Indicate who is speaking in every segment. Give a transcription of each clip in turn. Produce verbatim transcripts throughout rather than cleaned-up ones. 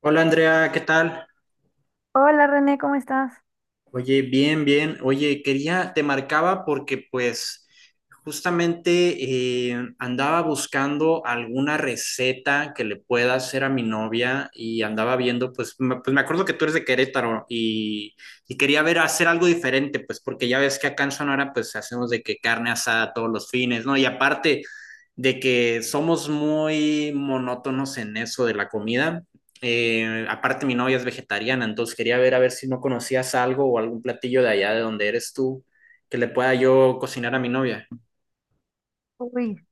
Speaker 1: Hola Andrea, ¿qué tal?
Speaker 2: Hola René, ¿cómo estás?
Speaker 1: Oye, bien, bien. Oye, quería, te marcaba porque pues justamente eh, andaba buscando alguna receta que le pueda hacer a mi novia y andaba viendo, pues me, pues me acuerdo que tú eres de Querétaro y, y quería ver hacer algo diferente, pues porque ya ves que acá en Sonora pues hacemos de que carne asada todos los fines, ¿no? Y aparte de que somos muy monótonos en eso de la comida. Eh, aparte, mi novia es vegetariana, entonces quería ver a ver si no conocías algo o algún platillo de allá de donde eres tú que le pueda yo cocinar a mi novia.
Speaker 2: Uy,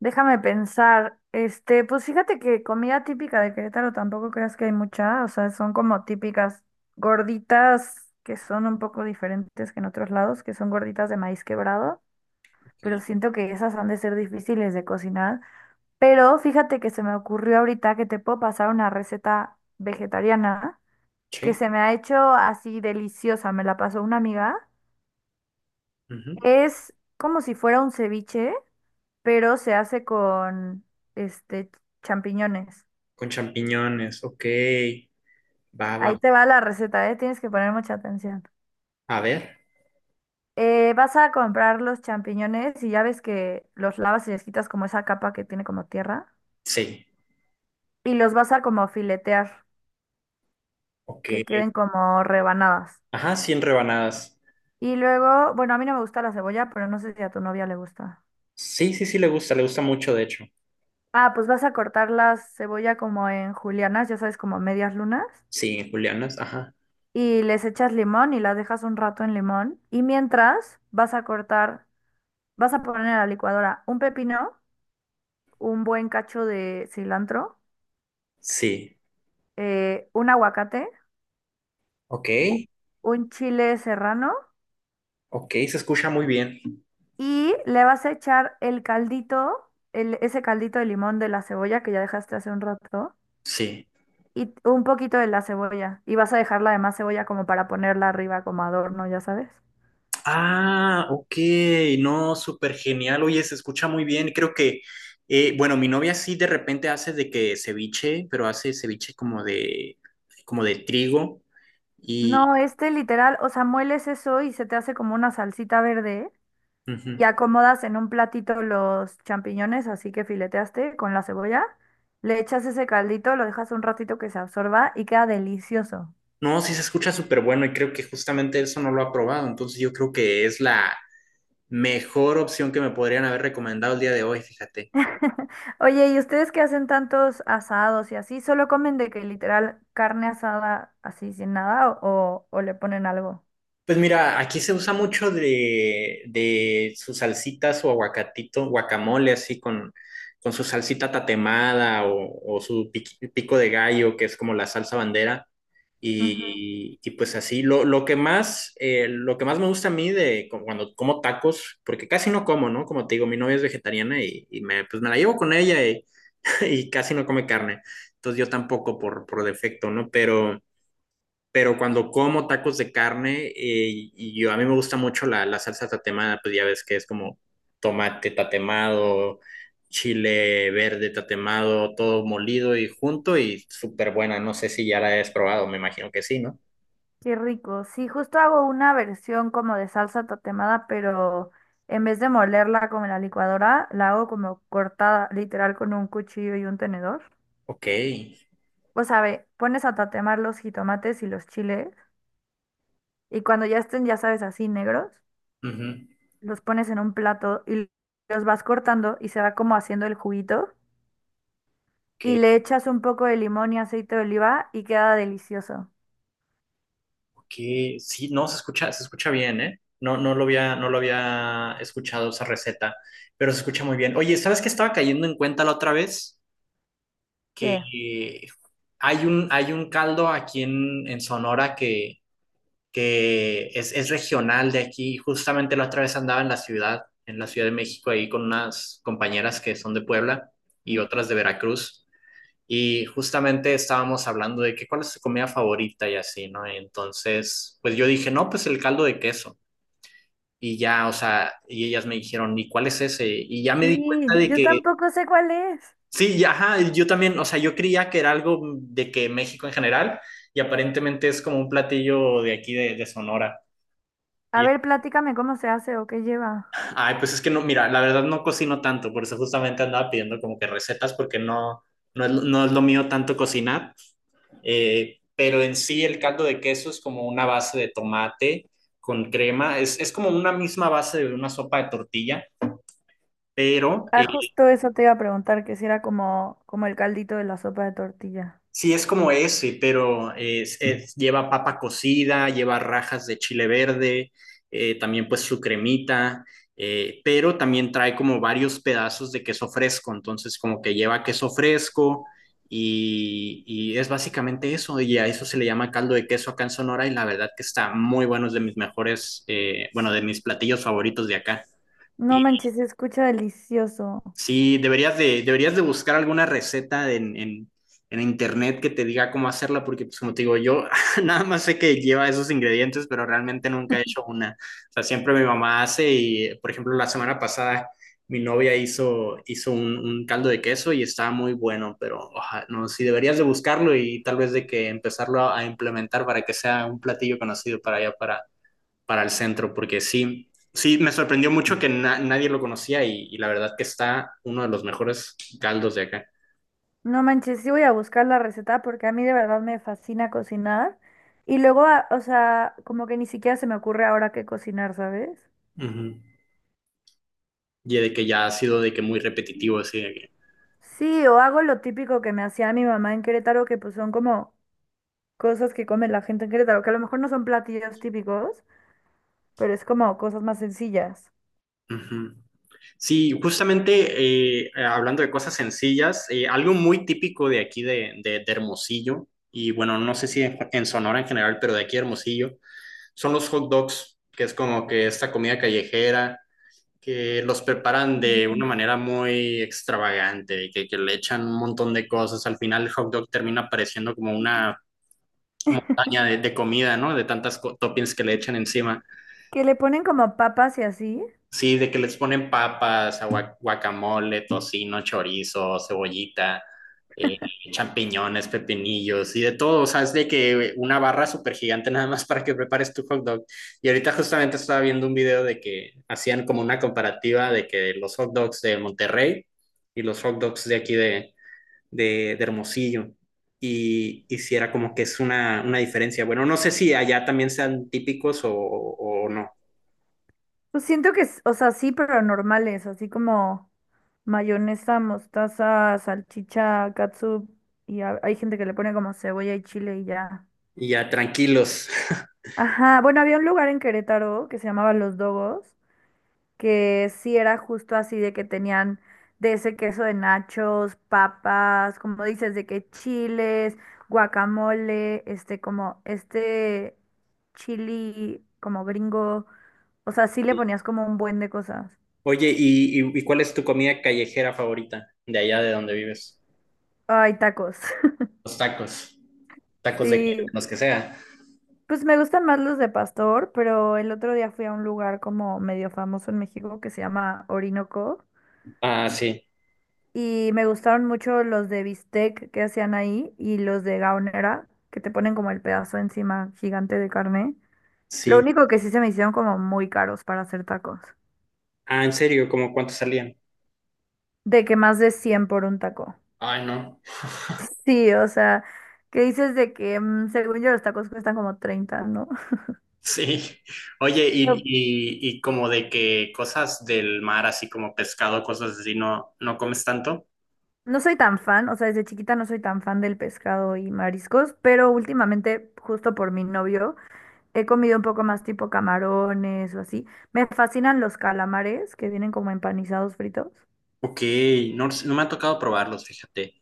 Speaker 2: déjame pensar. Este, pues fíjate que comida típica de Querétaro tampoco creas que hay mucha, o sea, son como típicas gorditas que son un poco diferentes que en otros lados, que son gorditas de maíz quebrado, pero
Speaker 1: Ok.
Speaker 2: siento que esas han de ser difíciles de cocinar. Pero fíjate que se me ocurrió ahorita que te puedo pasar una receta vegetariana que
Speaker 1: Sí.
Speaker 2: se me ha hecho así deliciosa, me la pasó una amiga.
Speaker 1: Ujú.
Speaker 2: Es como si fuera un ceviche pero se hace con este champiñones.
Speaker 1: Con champiñones, ok. Va, va.
Speaker 2: Ahí te va la receta, ¿eh? Tienes que poner mucha atención.
Speaker 1: A ver.
Speaker 2: Eh, vas a comprar los champiñones y ya ves que los lavas y les quitas como esa capa que tiene como tierra
Speaker 1: Sí.
Speaker 2: y los vas a como filetear,
Speaker 1: Ok.
Speaker 2: que queden como rebanadas.
Speaker 1: Ajá, cien rebanadas.
Speaker 2: Y luego, bueno, a mí no me gusta la cebolla, pero no sé si a tu novia le gusta.
Speaker 1: Sí, sí, sí, le gusta, le gusta mucho, de hecho.
Speaker 2: Ah, pues vas a cortar la cebolla como en julianas, ya sabes, como medias lunas,
Speaker 1: Sí, julianas, ajá.
Speaker 2: y les echas limón y las dejas un rato en limón. Y mientras vas a cortar vas a poner a la licuadora un pepino, un buen cacho de cilantro,
Speaker 1: Sí.
Speaker 2: eh, un aguacate,
Speaker 1: Ok,
Speaker 2: un chile serrano
Speaker 1: ok, se escucha muy bien.
Speaker 2: y le vas a echar el caldito, el- ese caldito de limón de la cebolla que ya dejaste hace un rato
Speaker 1: Sí.
Speaker 2: y t- un poquito de la cebolla. Y vas a dejar la demás cebolla como para ponerla arriba como adorno, ya sabes.
Speaker 1: Ah, ok, no, súper genial. Oye, se escucha muy bien. Creo que, eh, bueno, mi novia sí de repente hace de que ceviche, pero hace ceviche como de, como de trigo y,
Speaker 2: No, este literal, o sea, mueles eso y se te hace como una salsita verde,
Speaker 1: ujú.
Speaker 2: y acomodas en un platito los champiñones, así que fileteaste con la cebolla, le echas ese caldito, lo dejas un ratito que se absorba y queda delicioso.
Speaker 1: No, sí se escucha súper bueno y creo que justamente eso no lo ha probado. Entonces yo creo que es la mejor opción que me podrían haber recomendado el día de hoy, fíjate.
Speaker 2: Oye, ¿y ustedes que hacen tantos asados y así? ¿Solo comen de que literal carne asada así sin nada o, o le ponen algo?
Speaker 1: Pues mira, aquí se usa mucho de, de sus salsitas o aguacatito, guacamole, así con, con su salsita tatemada o, o su piqui- pico de gallo, que es como la salsa bandera.
Speaker 2: Ujú.
Speaker 1: Y, y pues así, lo, lo que más, eh, lo que más me gusta a mí de cu- cuando como tacos, porque casi no como, ¿no? Como te digo, mi novia es vegetariana y, y me, pues me la llevo con ella y, y casi no come carne. Entonces yo tampoco por, por defecto, ¿no? Pero pero cuando como tacos de carne, eh, y yo, a mí me gusta mucho la, la salsa tatemada, pues ya ves que es como tomate tatemado, chile verde tatemado, todo molido y junto y súper buena. No sé si ya la has probado, me imagino que sí, ¿no?
Speaker 2: Qué rico. Sí, justo hago una versión como de salsa tatemada, pero en vez de molerla con la licuadora, la hago como cortada literal con un cuchillo y un tenedor.
Speaker 1: Ok.
Speaker 2: O sea, ve, pones a tatemar los jitomates y los chiles y cuando ya estén, ya sabes, así negros,
Speaker 1: Ujú.
Speaker 2: los pones en un plato y los vas cortando y se va como haciendo el juguito
Speaker 1: Ok,
Speaker 2: y le echas un poco de limón y aceite de oliva y queda delicioso.
Speaker 1: ok. Sí, no, se escucha, se escucha bien, ¿eh? No, no lo había, no lo había escuchado esa receta, pero se escucha muy bien. Oye, ¿sabes qué estaba cayendo en cuenta la otra vez?
Speaker 2: ¿Qué?
Speaker 1: Que hay un, hay un caldo aquí en, en Sonora que, que es, es regional de aquí. Justamente la otra vez andaba en la ciudad, en la Ciudad de México, ahí con unas compañeras que son de Puebla y otras de Veracruz. Y justamente estábamos hablando de que cuál es tu comida favorita y así, ¿no? Entonces, pues yo dije, no, pues el caldo de queso. Y ya, o sea, y ellas me dijeron, ¿y cuál es ese? Y ya me di
Speaker 2: Sí,
Speaker 1: cuenta de
Speaker 2: yo
Speaker 1: que
Speaker 2: tampoco sé cuál es.
Speaker 1: sí, y ajá, yo también, o sea, yo creía que era algo de que México en general, y aparentemente es como un platillo de aquí de, de Sonora.
Speaker 2: A
Speaker 1: Y,
Speaker 2: ver, platícame cómo se hace o qué lleva.
Speaker 1: Ay, pues es que no, mira, la verdad no cocino tanto, por eso justamente andaba pidiendo como que recetas, porque no, no es, no es lo mío tanto cocinar. Eh, pero en sí el caldo de queso es como una base de tomate con crema, es, es como una misma base de una sopa de tortilla, pero...
Speaker 2: Ah,
Speaker 1: eh,
Speaker 2: justo eso te iba a preguntar, que si era como, como el caldito de la sopa de tortilla.
Speaker 1: sí, es como ese, pero es- es- lleva papa cocida, lleva rajas de chile verde, eh, también pues su cremita, eh, pero también trae como varios pedazos de queso fresco, entonces como que lleva queso fresco y, y es básicamente eso, y a eso se le llama caldo de queso acá en Sonora y la verdad que está muy bueno, es de mis mejores, eh, bueno, de mis platillos favoritos de acá.
Speaker 2: No manches, se escucha delicioso.
Speaker 1: Sí, deberías de, deberías de buscar alguna receta en, en- en internet que te diga cómo hacerla, porque pues como te digo, yo nada más sé que lleva esos ingredientes, pero realmente nunca he hecho una. O sea, siempre mi mamá hace y, por ejemplo, la semana pasada mi novia hizo, hizo un, un caldo de queso y estaba muy bueno, pero oja, no, sí deberías de buscarlo y tal vez de que empezarlo a, a implementar para que sea un platillo conocido para allá, para para el centro, porque sí, sí, me sorprendió mucho que na nadie lo conocía y, y, la verdad que está uno de los mejores caldos de acá.
Speaker 2: No manches, sí voy a buscar la receta porque a mí de verdad me fascina cocinar. Y luego, a- o sea, como que ni siquiera se me ocurre ahora qué cocinar, ¿sabes?
Speaker 1: Uh -huh. Y de que ya ha sido de que muy repetitivo, así de que...
Speaker 2: Sí, o hago lo típico que me hacía mi mamá en Querétaro, que pues son como cosas que come la gente en Querétaro, que a lo mejor no son platillos típicos, pero es como cosas más sencillas.
Speaker 1: Uh -huh. Sí, justamente eh, eh, hablando de cosas sencillas, eh, algo muy típico de aquí de, de, de, Hermosillo, y bueno, no sé si en, en Sonora en general, pero de aquí de Hermosillo, son los hot dogs, que es como que esta comida callejera que los preparan de una
Speaker 2: Ujú.
Speaker 1: manera muy extravagante, y que, que le echan un montón de cosas. Al final el hot dog termina pareciendo como una montaña de, de comida, ¿no? De tantas co- toppings que le echan encima.
Speaker 2: Que le ponen como papas y así.
Speaker 1: Sí, de que les ponen papas, agua- guacamole, tocino, chorizo, cebollita, eh, champiñones, pepinillos y de todo. O sea, es de que eh, una barra súper gigante nada más para que prepares tu hot dog. Y ahorita justamente estaba viendo un video de que hacían como una comparativa de que los hot dogs de Monterrey y los hot dogs de aquí de, de, de Hermosillo. Y, y si era como que es una, una diferencia. Bueno, no sé si allá también sean típicos o, o o no.
Speaker 2: Pues siento que, es o sea, sí, pero normales, así como mayonesa, mostaza, salchicha, catsup, y a- hay gente que le pone como cebolla y chile y ya.
Speaker 1: Y ya tranquilos.
Speaker 2: Ajá, bueno, había un lugar en Querétaro que se llamaba Los Dogos, que sí era justo así de que tenían de ese queso de nachos, papas, como dices, de que chiles, guacamole, este, como este chili como gringo, o sea, sí le ponías como un buen de cosas.
Speaker 1: Oye, ¿y, y, y cuál es tu comida callejera favorita de allá de donde vives?
Speaker 2: Ay, tacos.
Speaker 1: Los tacos. ¿Tacos de qué? De
Speaker 2: Sí,
Speaker 1: los que sea.
Speaker 2: pues me gustan más los de pastor, pero el otro día fui a un lugar como medio famoso en México que se llama Orinoco
Speaker 1: Ah, sí,
Speaker 2: y me gustaron mucho los de bistec que hacían ahí y los de gaonera que te ponen como el pedazo encima gigante de carne. Lo
Speaker 1: sí.
Speaker 2: único que sí se me hicieron como muy caros para hacer tacos,
Speaker 1: Ah, ¿en serio? ¿Cómo cuánto salían?
Speaker 2: de que más de cien por un taco.
Speaker 1: Ay, no.
Speaker 2: Sí, o sea, que dices de que mm, según yo los tacos cuestan como treinta, ¿no?
Speaker 1: Sí. Oye, y, y, y como de que cosas del mar, así como pescado, cosas así, ¿no, no comes tanto?
Speaker 2: No soy tan fan, o sea, desde chiquita no soy tan fan del pescado y mariscos, pero últimamente, justo por mi novio, he comido un poco más tipo camarones o así. Me fascinan los calamares que vienen como empanizados fritos.
Speaker 1: Ok, no, no me ha tocado probarlos, fíjate.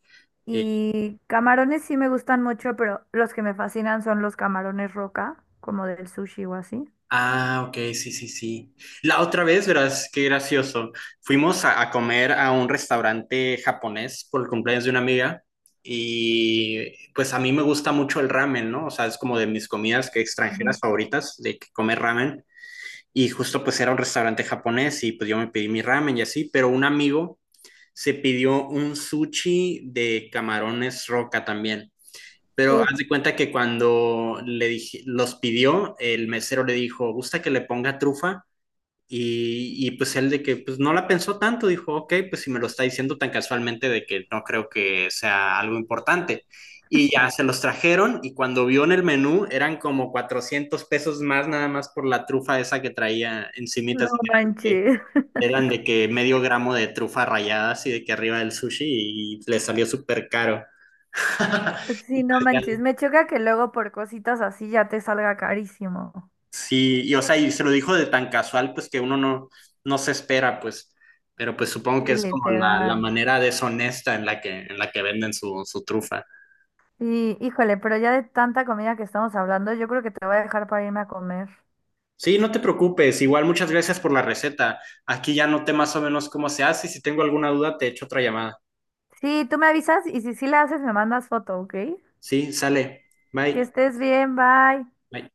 Speaker 2: Y camarones sí me gustan mucho, pero los que me fascinan son los camarones roca, como del sushi o así.
Speaker 1: Ah, ok, sí, sí, sí. La otra vez, verás, qué gracioso. Fuimos a, a comer a un restaurante japonés por el cumpleaños de una amiga y pues a mí me gusta mucho el ramen, ¿no? O sea, es como de mis comidas que
Speaker 2: Ujú.
Speaker 1: extranjeras favoritas, de que comer ramen. Y justo pues era un restaurante japonés y pues yo me pedí mi ramen y así, pero un amigo se pidió un sushi de camarones roca también. Pero
Speaker 2: Uf,
Speaker 1: haz de cuenta que cuando le dije, los pidió, el mesero le dijo, ¿gusta que le ponga trufa? Y, y pues él de que pues no la pensó tanto, dijo, ok, pues si me lo está diciendo tan casualmente de que no creo que sea algo importante. Y ya se los trajeron y cuando vio en el menú eran como cuatrocientos pesos más nada más por la trufa esa que traía encimita,
Speaker 2: no
Speaker 1: así que eran de,
Speaker 2: manches.
Speaker 1: eran de que medio gramo de trufa rallada así de que arriba del sushi y le salió súper caro.
Speaker 2: Sí, no manches. Me choca que luego por cositas así ya te salga carísimo.
Speaker 1: Sí, y o sea, y se lo dijo de tan casual, pues que uno no, no se espera, pues, pero pues supongo
Speaker 2: Sí,
Speaker 1: que es como la, la
Speaker 2: literal.
Speaker 1: manera deshonesta en la que, en la que venden su, su trufa.
Speaker 2: Y híjole, pero ya de tanta comida que estamos hablando, yo creo que te voy a dejar para irme a comer.
Speaker 1: Sí, no te preocupes, igual muchas gracias por la receta. Aquí ya noté más o menos cómo se hace y si tengo alguna duda te echo otra llamada.
Speaker 2: Sí, tú me avisas y si sí la haces, me mandas foto, ¿ok?
Speaker 1: Sí, sale.
Speaker 2: Que
Speaker 1: Bye.
Speaker 2: estés bien, bye.
Speaker 1: Bye.